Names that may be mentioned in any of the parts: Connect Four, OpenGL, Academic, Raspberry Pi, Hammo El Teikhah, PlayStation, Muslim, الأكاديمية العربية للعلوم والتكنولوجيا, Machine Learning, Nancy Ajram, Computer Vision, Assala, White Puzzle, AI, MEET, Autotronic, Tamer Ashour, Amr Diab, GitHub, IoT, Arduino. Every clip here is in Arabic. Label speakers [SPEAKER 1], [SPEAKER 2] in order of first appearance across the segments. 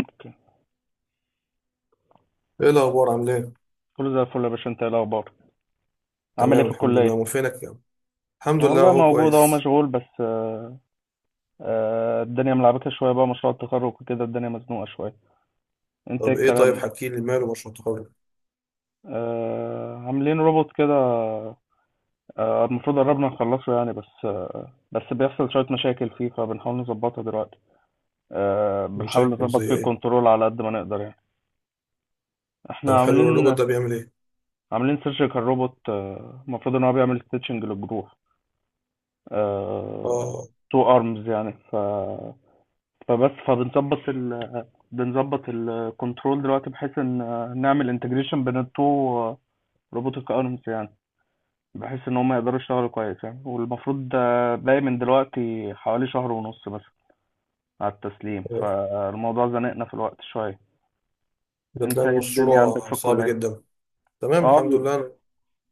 [SPEAKER 1] اوكي.
[SPEAKER 2] ايه الاخبار؟ عامل ايه؟
[SPEAKER 1] كله زي الفل يا باشا، انت ايه الاخبار؟ عامل ايه
[SPEAKER 2] تمام
[SPEAKER 1] في
[SPEAKER 2] الحمد لله، امال
[SPEAKER 1] الكليه؟
[SPEAKER 2] فينك يا عم؟ الحمد لله
[SPEAKER 1] والله
[SPEAKER 2] اهو
[SPEAKER 1] موجود اهو،
[SPEAKER 2] كويس.
[SPEAKER 1] مشغول بس الدنيا ملعبكه شويه بقى، مشروع التخرج وكده الدنيا مزنوقه شويه. انت ايه
[SPEAKER 2] طب ايه؟ طيب
[SPEAKER 1] الكلام؟
[SPEAKER 2] حكي لي، ماله مشروع التخرج؟
[SPEAKER 1] عاملين روبوت كده. المفروض قربنا نخلصه يعني، بس بيحصل شويه مشاكل فيه فبنحاول نظبطها دلوقتي. بنحاول
[SPEAKER 2] مشاكل زي
[SPEAKER 1] نظبط فيه
[SPEAKER 2] ايه؟
[SPEAKER 1] الكنترول على قد ما نقدر يعني. احنا
[SPEAKER 2] طب حلو، الروبوت
[SPEAKER 1] عاملين
[SPEAKER 2] ده بيعمل ايه؟
[SPEAKER 1] عاملين سيرجيكال روبوت. المفروض ان هو بيعمل ستيتشنج للجروح. آه،
[SPEAKER 2] اه،
[SPEAKER 1] تو ارمز يعني. ف فبس فبنظبط ال بنظبط الكنترول دلوقتي بحيث ان نعمل انتجريشن بين التو روبوتك ارمز يعني، بحيث ان هم يقدروا يشتغلوا كويس يعني. والمفروض ده باقي من دلوقتي حوالي شهر ونص مثلا على التسليم، فالموضوع زنقنا في الوقت شوية.
[SPEAKER 2] ده
[SPEAKER 1] انت
[SPEAKER 2] تلاقي
[SPEAKER 1] ايه الدنيا عندك في
[SPEAKER 2] المشروع صعب
[SPEAKER 1] الكلية؟
[SPEAKER 2] جدا. تمام
[SPEAKER 1] اه.
[SPEAKER 2] الحمد لله، انا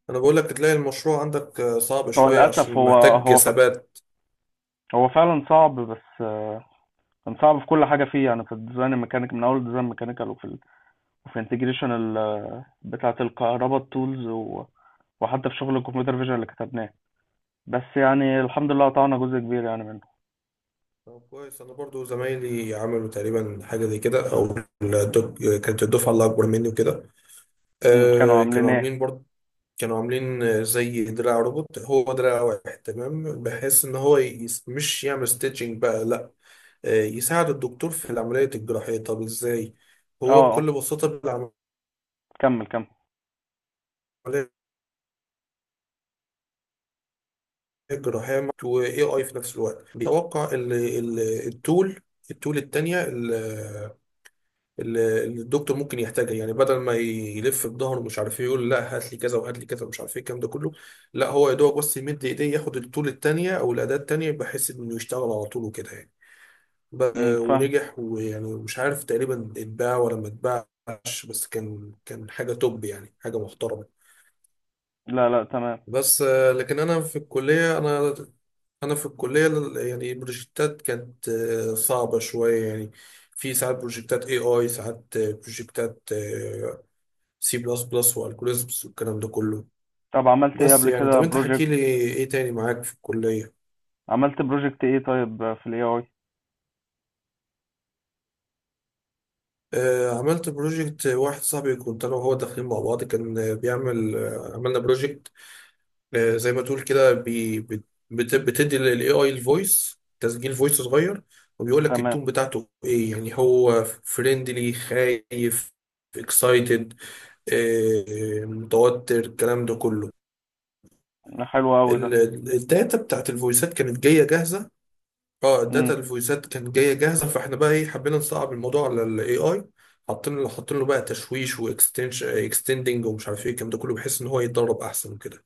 [SPEAKER 2] أنا بقول لك تلاقي المشروع عندك صعب
[SPEAKER 1] هو
[SPEAKER 2] شويه
[SPEAKER 1] للاسف
[SPEAKER 2] عشان محتاج ثبات.
[SPEAKER 1] هو فعلا صعب بس كان صعب في كل حاجة فيه يعني. في الديزاين الميكانيك من اول ديزاين ميكانيكال، وفي انتجريشن بتاعة الكهرباء، التولز و... وحتى في شغل الكمبيوتر فيجن اللي كتبناه. بس يعني الحمد لله قطعنا جزء كبير يعني منه.
[SPEAKER 2] طب كويس، انا برضو زمايلي عملوا تقريبا حاجه زي كده، او كانت الدفعه اللي اكبر مني وكده،
[SPEAKER 1] مم. كانوا عاملين
[SPEAKER 2] كانوا
[SPEAKER 1] ايه؟
[SPEAKER 2] عاملين برضو. كانوا عاملين زي دراع روبوت، هو دراع واحد تمام بحيث ان هو يس، مش يعمل ستيتشنج بقى لا، يساعد الدكتور في العملية الجراحية. طب ازاي؟
[SPEAKER 1] اه،
[SPEAKER 2] هو
[SPEAKER 1] اه،
[SPEAKER 2] بكل بساطة بالعملية
[SPEAKER 1] كمل كمل.
[SPEAKER 2] الجراحية و AI في نفس الوقت بيتوقع التول، التول التانية اللي الدكتور ممكن يحتاجها، يعني بدل ما يلف بظهره مش عارف ايه يقول لا هات لي كذا وهات لي كذا ومش عارف ايه الكلام ده كله. لا هو يا دوبك بس يمد ايديه ياخد الطول التانية او الاداة التانية بحيث انه يشتغل على طول وكده يعني.
[SPEAKER 1] مم، فاهم.
[SPEAKER 2] ونجح، ويعني مش عارف تقريبا اتباع ولا ما اتباعش، بس كان، كان حاجة توب يعني، حاجة محترمة.
[SPEAKER 1] لا، لا، تمام.
[SPEAKER 2] بس لكن انا في الكلية، انا في الكلية يعني البروجكتات كانت صعبة شوية يعني. في ساعات بروجكتات اي اي، ساعات بروجكتات سي بلس بلس والجوريزمز والكلام ده كله.
[SPEAKER 1] طب عملت ايه
[SPEAKER 2] بس
[SPEAKER 1] قبل
[SPEAKER 2] يعني
[SPEAKER 1] كده
[SPEAKER 2] طب انت حكي
[SPEAKER 1] بروجكت؟
[SPEAKER 2] لي ايه تاني معاك في الكلية؟
[SPEAKER 1] عملت بروجكت ايه طيب في الاي اي؟
[SPEAKER 2] آه، عملت بروجكت واحد، صاحبي كنت انا وهو داخلين مع بعض، كان بيعمل آه، عملنا بروجكت آه زي ما تقول كده، بتدي للاي اي الفويس، تسجيل فويس صغير، وبيقول لك
[SPEAKER 1] تمام.
[SPEAKER 2] التون بتاعته ايه، يعني هو فريندلي، خايف، اكسايتد، متوتر، الكلام ده كله.
[SPEAKER 1] حلو قوي ده.
[SPEAKER 2] ال- الداتا بتاعت الفويسات كانت جايه جاهزه. اه، الداتا
[SPEAKER 1] امم.
[SPEAKER 2] الفويسات كانت جايه جاهزه، فاحنا بقى ايه حبينا نصعب الموضوع على الاي اي، حاطين له بقى تشويش واكستنشن اكستندنج ومش عارف ايه الكلام ده كله بحيث ان هو يتدرب احسن وكده.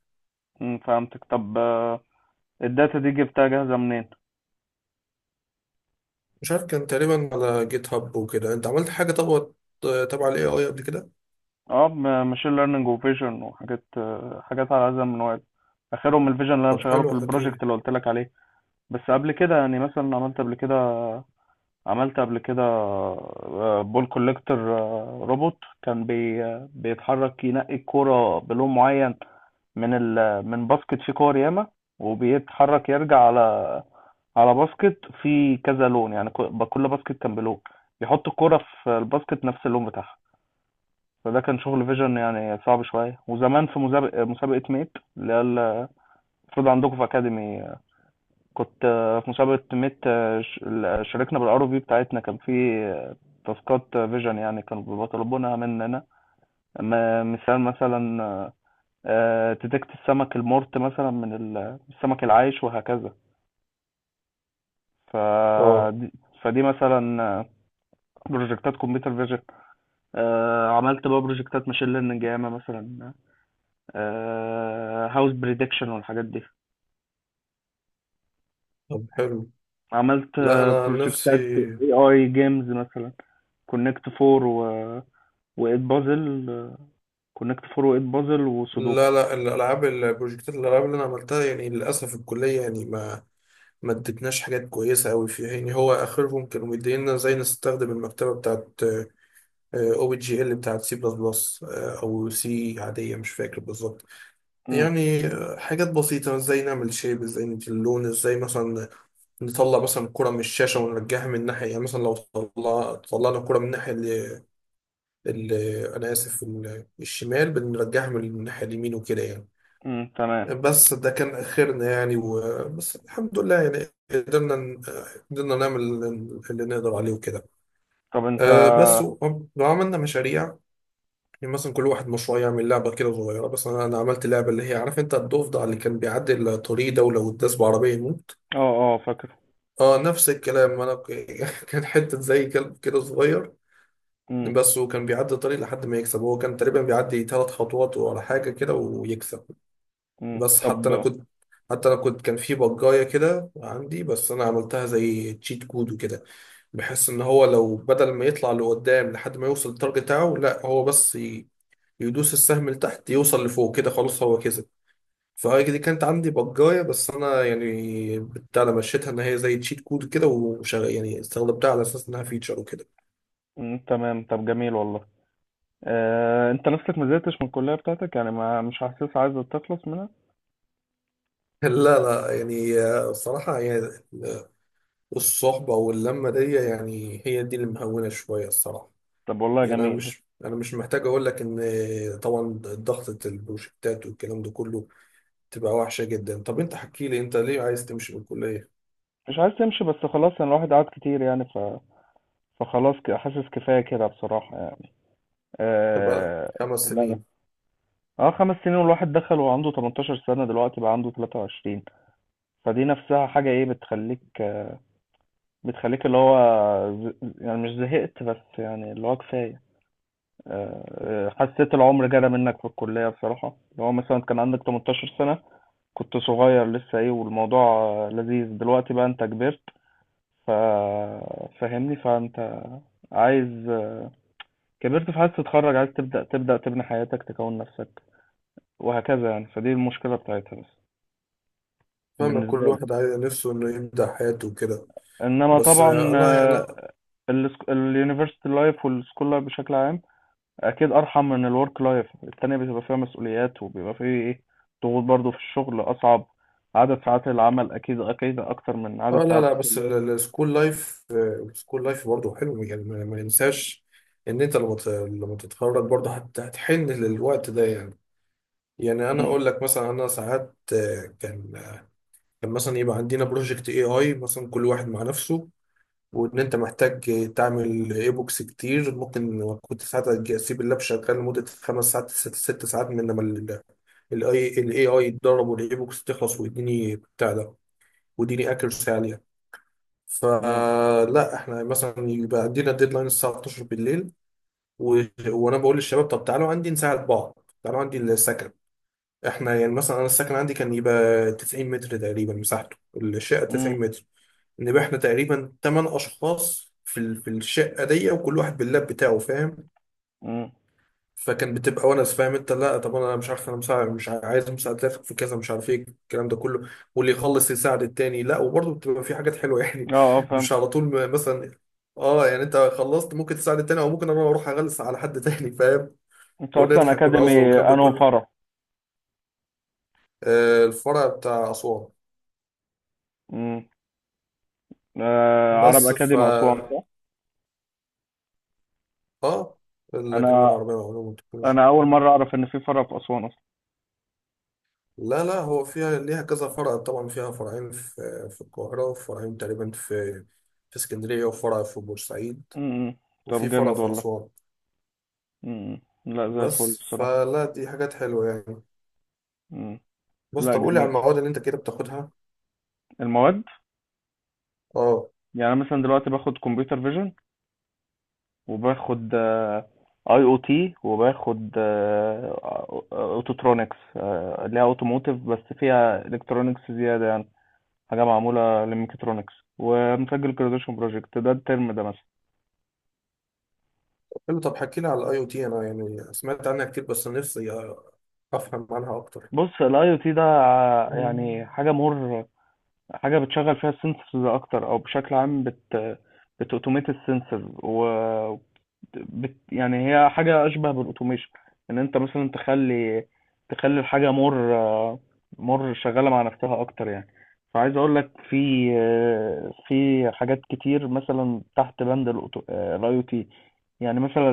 [SPEAKER 1] امم، فهمتك. طب الداتا دي جبتها جاهزة منين؟
[SPEAKER 2] مش عارف، كان تقريبا على جيت هاب وكده. انت عملت حاجه طب تبع الاي اي قبل كده؟
[SPEAKER 1] اه، ماشين ليرنينج وفيجن وحاجات آه، حاجات على هذا المنوال. اخرهم الفيجن اللي انا
[SPEAKER 2] طب
[SPEAKER 1] مشغله في
[SPEAKER 2] حلو حكي
[SPEAKER 1] البروجكت
[SPEAKER 2] لي.
[SPEAKER 1] اللي قلت لك عليه. بس قبل كده يعني مثلا عملت قبل كده بول كوليكتور. روبوت كان بي آه، بيتحرك ينقي الكورة بلون معين من من باسكت فيه كور ياما، وبيتحرك يرجع على باسكت فيه كذا لون يعني. كل باسكت كان بلون، يحط الكورة في الباسكت نفس اللون بتاعها. فده كان شغل فيجن يعني صعب شوية. وزمان في مسابقة ميت اللي هي المفروض عندكم في أكاديمي، كنت في مسابقة ميت. شاركنا بالار في بتاعتنا. كان في آه، تاسكات فيجن يعني كانوا بيطلبونها مننا، م- مثال مثلا تدكت السمك المرت مثلا من السمك العايش وهكذا.
[SPEAKER 2] اه
[SPEAKER 1] فدي فدي مثلا بروجكتات كمبيوتر فيجن. عملت بقى بروجكتات ماشين ليرنينج ياما مثلا، هاوس بريدكشن والحاجات دي.
[SPEAKER 2] طب حلو.
[SPEAKER 1] عملت
[SPEAKER 2] لا انا عن نفسي،
[SPEAKER 1] بروجكتات اي اي جيمز مثلا، كونكت فور و... وايت بازل كونكت فور وايت بازل وسودوكو.
[SPEAKER 2] لا لا، الالعاب، البروجكتات الالعاب اللي انا عملتها يعني للاسف الكليه يعني ما ادتناش حاجات كويسه قوي فيها، يعني هو اخرهم كانوا مدينا زي نستخدم المكتبه بتاعت او بي جي ال بتاعت سي بلس بلس او سي عاديه، مش فاكر بالظبط.
[SPEAKER 1] امم،
[SPEAKER 2] يعني حاجات بسيطه، ازاي نعمل شيب، ازاي ندي اللون، ازاي مثلا نطلع مثلا الكرة من الشاشة ونرجعها من ناحية، يعني مثلا لو طلع طلعنا الكرة من الناحية ال... أنا آسف، الشمال، بنرجعها من الناحية اليمين وكده يعني.
[SPEAKER 1] امم، تمام.
[SPEAKER 2] بس ده كان آخرنا يعني، بس الحمد لله يعني قدرنا نعمل اللي نقدر عليه وكده.
[SPEAKER 1] طب انت.
[SPEAKER 2] أه بس لو عملنا مشاريع، يعني مثلا كل واحد مشروع يعمل لعبة كده صغيرة، بس أنا عملت لعبة اللي هي عارف أنت الضفدع اللي كان بيعدي الطريق ده ولو اتداس بعربية يموت.
[SPEAKER 1] اه، اه، فاكر.
[SPEAKER 2] أه نفس الكلام. كان حتة زي كلب كده صغير،
[SPEAKER 1] امم،
[SPEAKER 2] بس وكان بيعدي الطريق لحد ما يكسب، هو كان تقريبا بيعدي ثلاث خطوات ولا حاجة كده ويكسب.
[SPEAKER 1] امم،
[SPEAKER 2] بس حتى أنا
[SPEAKER 1] طب.
[SPEAKER 2] كنت حتى أنا كنت، كان في بجاية كده عندي، بس أنا عملتها زي تشيت كود وكده، بحيث إن هو لو بدل ما يطلع لقدام لحد ما يوصل للتارجت بتاعه، لا هو بس يدوس السهم لتحت يوصل لفوق كده خلاص هو كسب. فهي دي كانت عندي بجاية، بس انا يعني بتاع، أنا مشيتها ان هي زي تشيت كود كده وشغل، يعني استخدمتها على اساس انها فيتشر وكده.
[SPEAKER 1] امم، تمام. طب جميل والله. انت نفسك ما زهقتش من الكلية بتاعتك يعني؟ ما مش حاسس عايز تخلص منها؟
[SPEAKER 2] لا لا يعني، الصراحة يعني الصحبة واللمة دي يعني هي دي اللي مهونة شوية الصراحة.
[SPEAKER 1] طب والله
[SPEAKER 2] يعني أنا
[SPEAKER 1] جميل.
[SPEAKER 2] مش أنا مش محتاج أقول لك إن طبعا ضغطة البروجكتات والكلام ده كله تبقى وحشة جدا. طب أنت حكي لي، أنت ليه عايز تمشي من الكلية؟
[SPEAKER 1] مش عايز تمشي، بس خلاص يعني الواحد قعد كتير يعني، فخلاص حاسس كفاية كده بصراحة يعني.
[SPEAKER 2] تبقى
[SPEAKER 1] آه...
[SPEAKER 2] خمس
[SPEAKER 1] لا، لا،
[SPEAKER 2] سنين.
[SPEAKER 1] اه، 5 سنين. والواحد دخل وعنده 18 سنة، دلوقتي بقى عنده 23. فدي نفسها حاجة ايه بتخليك اللي هو يعني مش زهقت، بس يعني اللي هو كفاية. حسيت العمر جرى منك في الكلية بصراحة، اللي هو مثلا كان عندك 18 سنة، كنت صغير لسه ايه والموضوع لذيذ، دلوقتي بقى انت كبرت. ف فاهمني. فانت عايز كبرت، فعايز تتخرج، عايز تبدأ تبني حياتك تكون نفسك وهكذا يعني. فدي المشكلة بتاعتها بس،
[SPEAKER 2] فاهمك،
[SPEAKER 1] بالنسبة
[SPEAKER 2] كل
[SPEAKER 1] لي.
[SPEAKER 2] واحد نفسه انه يبدأ حياته وكده.
[SPEAKER 1] انما
[SPEAKER 2] بس آه،
[SPEAKER 1] طبعا
[SPEAKER 2] انا يعني انا
[SPEAKER 1] اليونيفرسيتي لايف والسكول لايف بشكل عام اكيد ارحم من الورك لايف التانية، بتبقى فيها مسؤوليات وبيبقى فيه ايه، ضغوط برضو. في الشغل اصعب، عدد ساعات العمل اكيد اكيد اكتر من
[SPEAKER 2] اه.
[SPEAKER 1] عدد
[SPEAKER 2] لا
[SPEAKER 1] ساعات
[SPEAKER 2] لا، بس
[SPEAKER 1] الكلية.
[SPEAKER 2] السكول لايف، السكول لايف برضه حلو يعني، ما ننساش ان انت لما لما تتخرج برضه هتحن للوقت ده يعني. يعني انا
[SPEAKER 1] امم،
[SPEAKER 2] اقول لك مثلا، انا ساعات كان، كان مثلا يبقى عندنا بروجكت اي اي مثلا كل واحد مع نفسه، وان انت محتاج تعمل اي بوكس كتير، ممكن كنت ساعات اسيب اللاب شغال لمده خمس ساعات، ست ساعات، من لما الاي اي يتدرب والاي بوكس تخلص ويديني بتاع ده ويديني اكيرسي عاليه.
[SPEAKER 1] امم،
[SPEAKER 2] فلا احنا مثلا يبقى عندنا ديدلاين الساعه 12 بالليل، و... وانا بقول للشباب طب تعالوا عندي نساعد بعض، تعالوا عندي السكن. احنا يعني مثلا انا السكن عندي كان يبقى 90 متر تقريبا مساحته، الشقه
[SPEAKER 1] امم،
[SPEAKER 2] 90 متر. نبقى احنا تقريبا تمن اشخاص في الشقه دي، وكل واحد باللاب بتاعه فاهم،
[SPEAKER 1] امم.
[SPEAKER 2] فكان بتبقى ونس فاهم انت. لا طب انا مش عارف انا مساعد، مش ع- عايز مساعدتك في كذا مش عارف ايه الكلام ده كله، واللي يخلص يساعد التاني، لا وبرضه بتبقى في حاجات حلوه يعني.
[SPEAKER 1] اه، اه، فهمت.
[SPEAKER 2] مش على طول، مثلا اه، يعني انت خلصت ممكن تساعد التاني، او ممكن انا اروح اغلس على حد تاني فاهم،
[SPEAKER 1] انت اصلا
[SPEAKER 2] ونضحك ونهزر
[SPEAKER 1] اكاديمي
[SPEAKER 2] والكلام ده
[SPEAKER 1] انو
[SPEAKER 2] كله.
[SPEAKER 1] فرع؟
[SPEAKER 2] آه، الفرع بتاع اسوان.
[SPEAKER 1] امم. عرب
[SPEAKER 2] بس ف
[SPEAKER 1] اكاديمي اسوان صح؟
[SPEAKER 2] اه، الاكاديميه
[SPEAKER 1] انا
[SPEAKER 2] العربيه للعلوم والتكنولوجيا.
[SPEAKER 1] انا اول مره اعرف ان في فرع في اسوان اصلا.
[SPEAKER 2] لا لا، هو فيها ليها كذا فرع طبعا، فيها فرعين في القاهرة، وفرعين تقريبا في في اسكندرية، وفرع في بورسعيد،
[SPEAKER 1] امم. طب
[SPEAKER 2] وفي فرع
[SPEAKER 1] جامد
[SPEAKER 2] في
[SPEAKER 1] والله.
[SPEAKER 2] أسوان.
[SPEAKER 1] امم. لا، زي الفل
[SPEAKER 2] بس
[SPEAKER 1] بصراحه.
[SPEAKER 2] فلا دي حاجات حلوة يعني.
[SPEAKER 1] مم.
[SPEAKER 2] بص
[SPEAKER 1] لا،
[SPEAKER 2] طب قولي على
[SPEAKER 1] جميل.
[SPEAKER 2] المواد اللي أنت كده بتاخدها.
[SPEAKER 1] المواد،
[SPEAKER 2] اه
[SPEAKER 1] يعني أنا مثلا دلوقتي باخد كمبيوتر فيجن، وباخد اي او تي، وباخد اوتوترونكس اللي هي اوتوموتيف بس فيها الكترونكس زياده يعني، حاجه معموله للميكاترونكس، ومسجل جراديويشن بروجكت ده الترم ده مثلا.
[SPEAKER 2] حلو. طب حكيلي على الأي أو تي، أنا يعني سمعت عنها كتير بس نفسي أفهم عنها أكتر.
[SPEAKER 1] بص الاي او تي ده يعني حاجه مور، حاجه بتشغل فيها السنسورز اكتر، او بشكل عام بتوتوميت السنسور. يعني هي حاجة أشبه بالأوتوميشن، إن أنت مثلا تخلي الحاجة مور شغالة مع نفسها أكتر يعني. فعايز أقول لك في حاجات كتير مثلا تحت بند الأي أو تي. يعني مثلا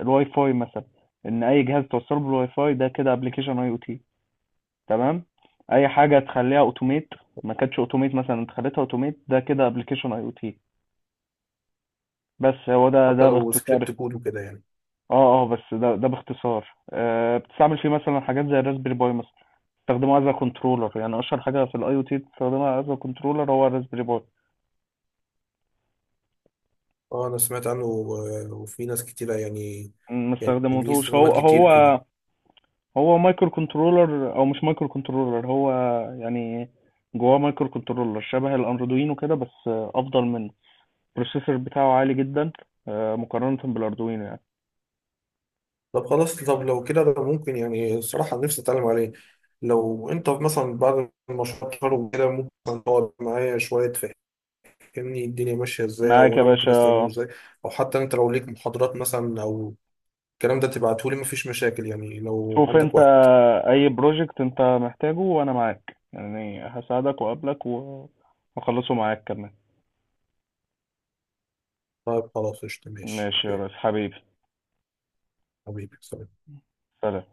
[SPEAKER 1] الواي فاي مثلا، إن أي جهاز توصله بالواي فاي ده كده أبلكيشن أي أو تي. تمام. أي حاجة تخليها أوتوميت ما كانتش أوتوميت، مثلا أنت خليتها أوتوميت ده كده أبلكيشن أي أو تي. بس هو ده
[SPEAKER 2] حتى
[SPEAKER 1] ده
[SPEAKER 2] لو سكريبت
[SPEAKER 1] باختصار.
[SPEAKER 2] كود وكده يعني.
[SPEAKER 1] اه، اه، بس ده باختصار. بتستعمل فيه مثلا حاجات زي الراسبيري باي مثلا، بستخدمه از كنترولر. يعني اشهر حاجه في الاي او تي بتستخدمها از كنترولر هو الراسبيري باي.
[SPEAKER 2] اه، أنا سمعت عنه وفي ناس كتيرة يعني،
[SPEAKER 1] ما
[SPEAKER 2] يعني ليه
[SPEAKER 1] استخدمتهوش.
[SPEAKER 2] استخدامات
[SPEAKER 1] هو
[SPEAKER 2] كتير
[SPEAKER 1] هو
[SPEAKER 2] كده.
[SPEAKER 1] هو مايكرو كنترولر، او مش مايكرو كنترولر، هو يعني جواه مايكرو كنترولر شبه الاردوينو كده، بس افضل منه. البروسيسور بتاعه عالي جدا مقارنة بالاردوينو يعني.
[SPEAKER 2] طب خلاص، طب لو كده ده ممكن يعني الصراحة نفسي أتعلم عليه، لو أنت مثلا بعد المشروع التخرج وكده ممكن تقعد معايا شوية تفهمني الدنيا ماشية إزاي،
[SPEAKER 1] معاك
[SPEAKER 2] أو
[SPEAKER 1] يا
[SPEAKER 2] أنا ممكن أستخدمه
[SPEAKER 1] باشا.
[SPEAKER 2] إزاي، أو حتى أنت لو ليك محاضرات مثلا أو الكلام ده تبعتهولي، مفيش مشاكل يعني لو
[SPEAKER 1] شوف
[SPEAKER 2] عندك
[SPEAKER 1] انت،
[SPEAKER 2] وقت.
[SPEAKER 1] اي بروجكت انت محتاجه وانا معاك يعني، هساعدك واقابلك واخلصه معاك كمان.
[SPEAKER 2] طيب خلاص قشطة، ماشي
[SPEAKER 1] ماشي يا
[SPEAKER 2] أوكي.
[SPEAKER 1] ريس. حبيبي،
[SPEAKER 2] حبيبي سلام.
[SPEAKER 1] سلام.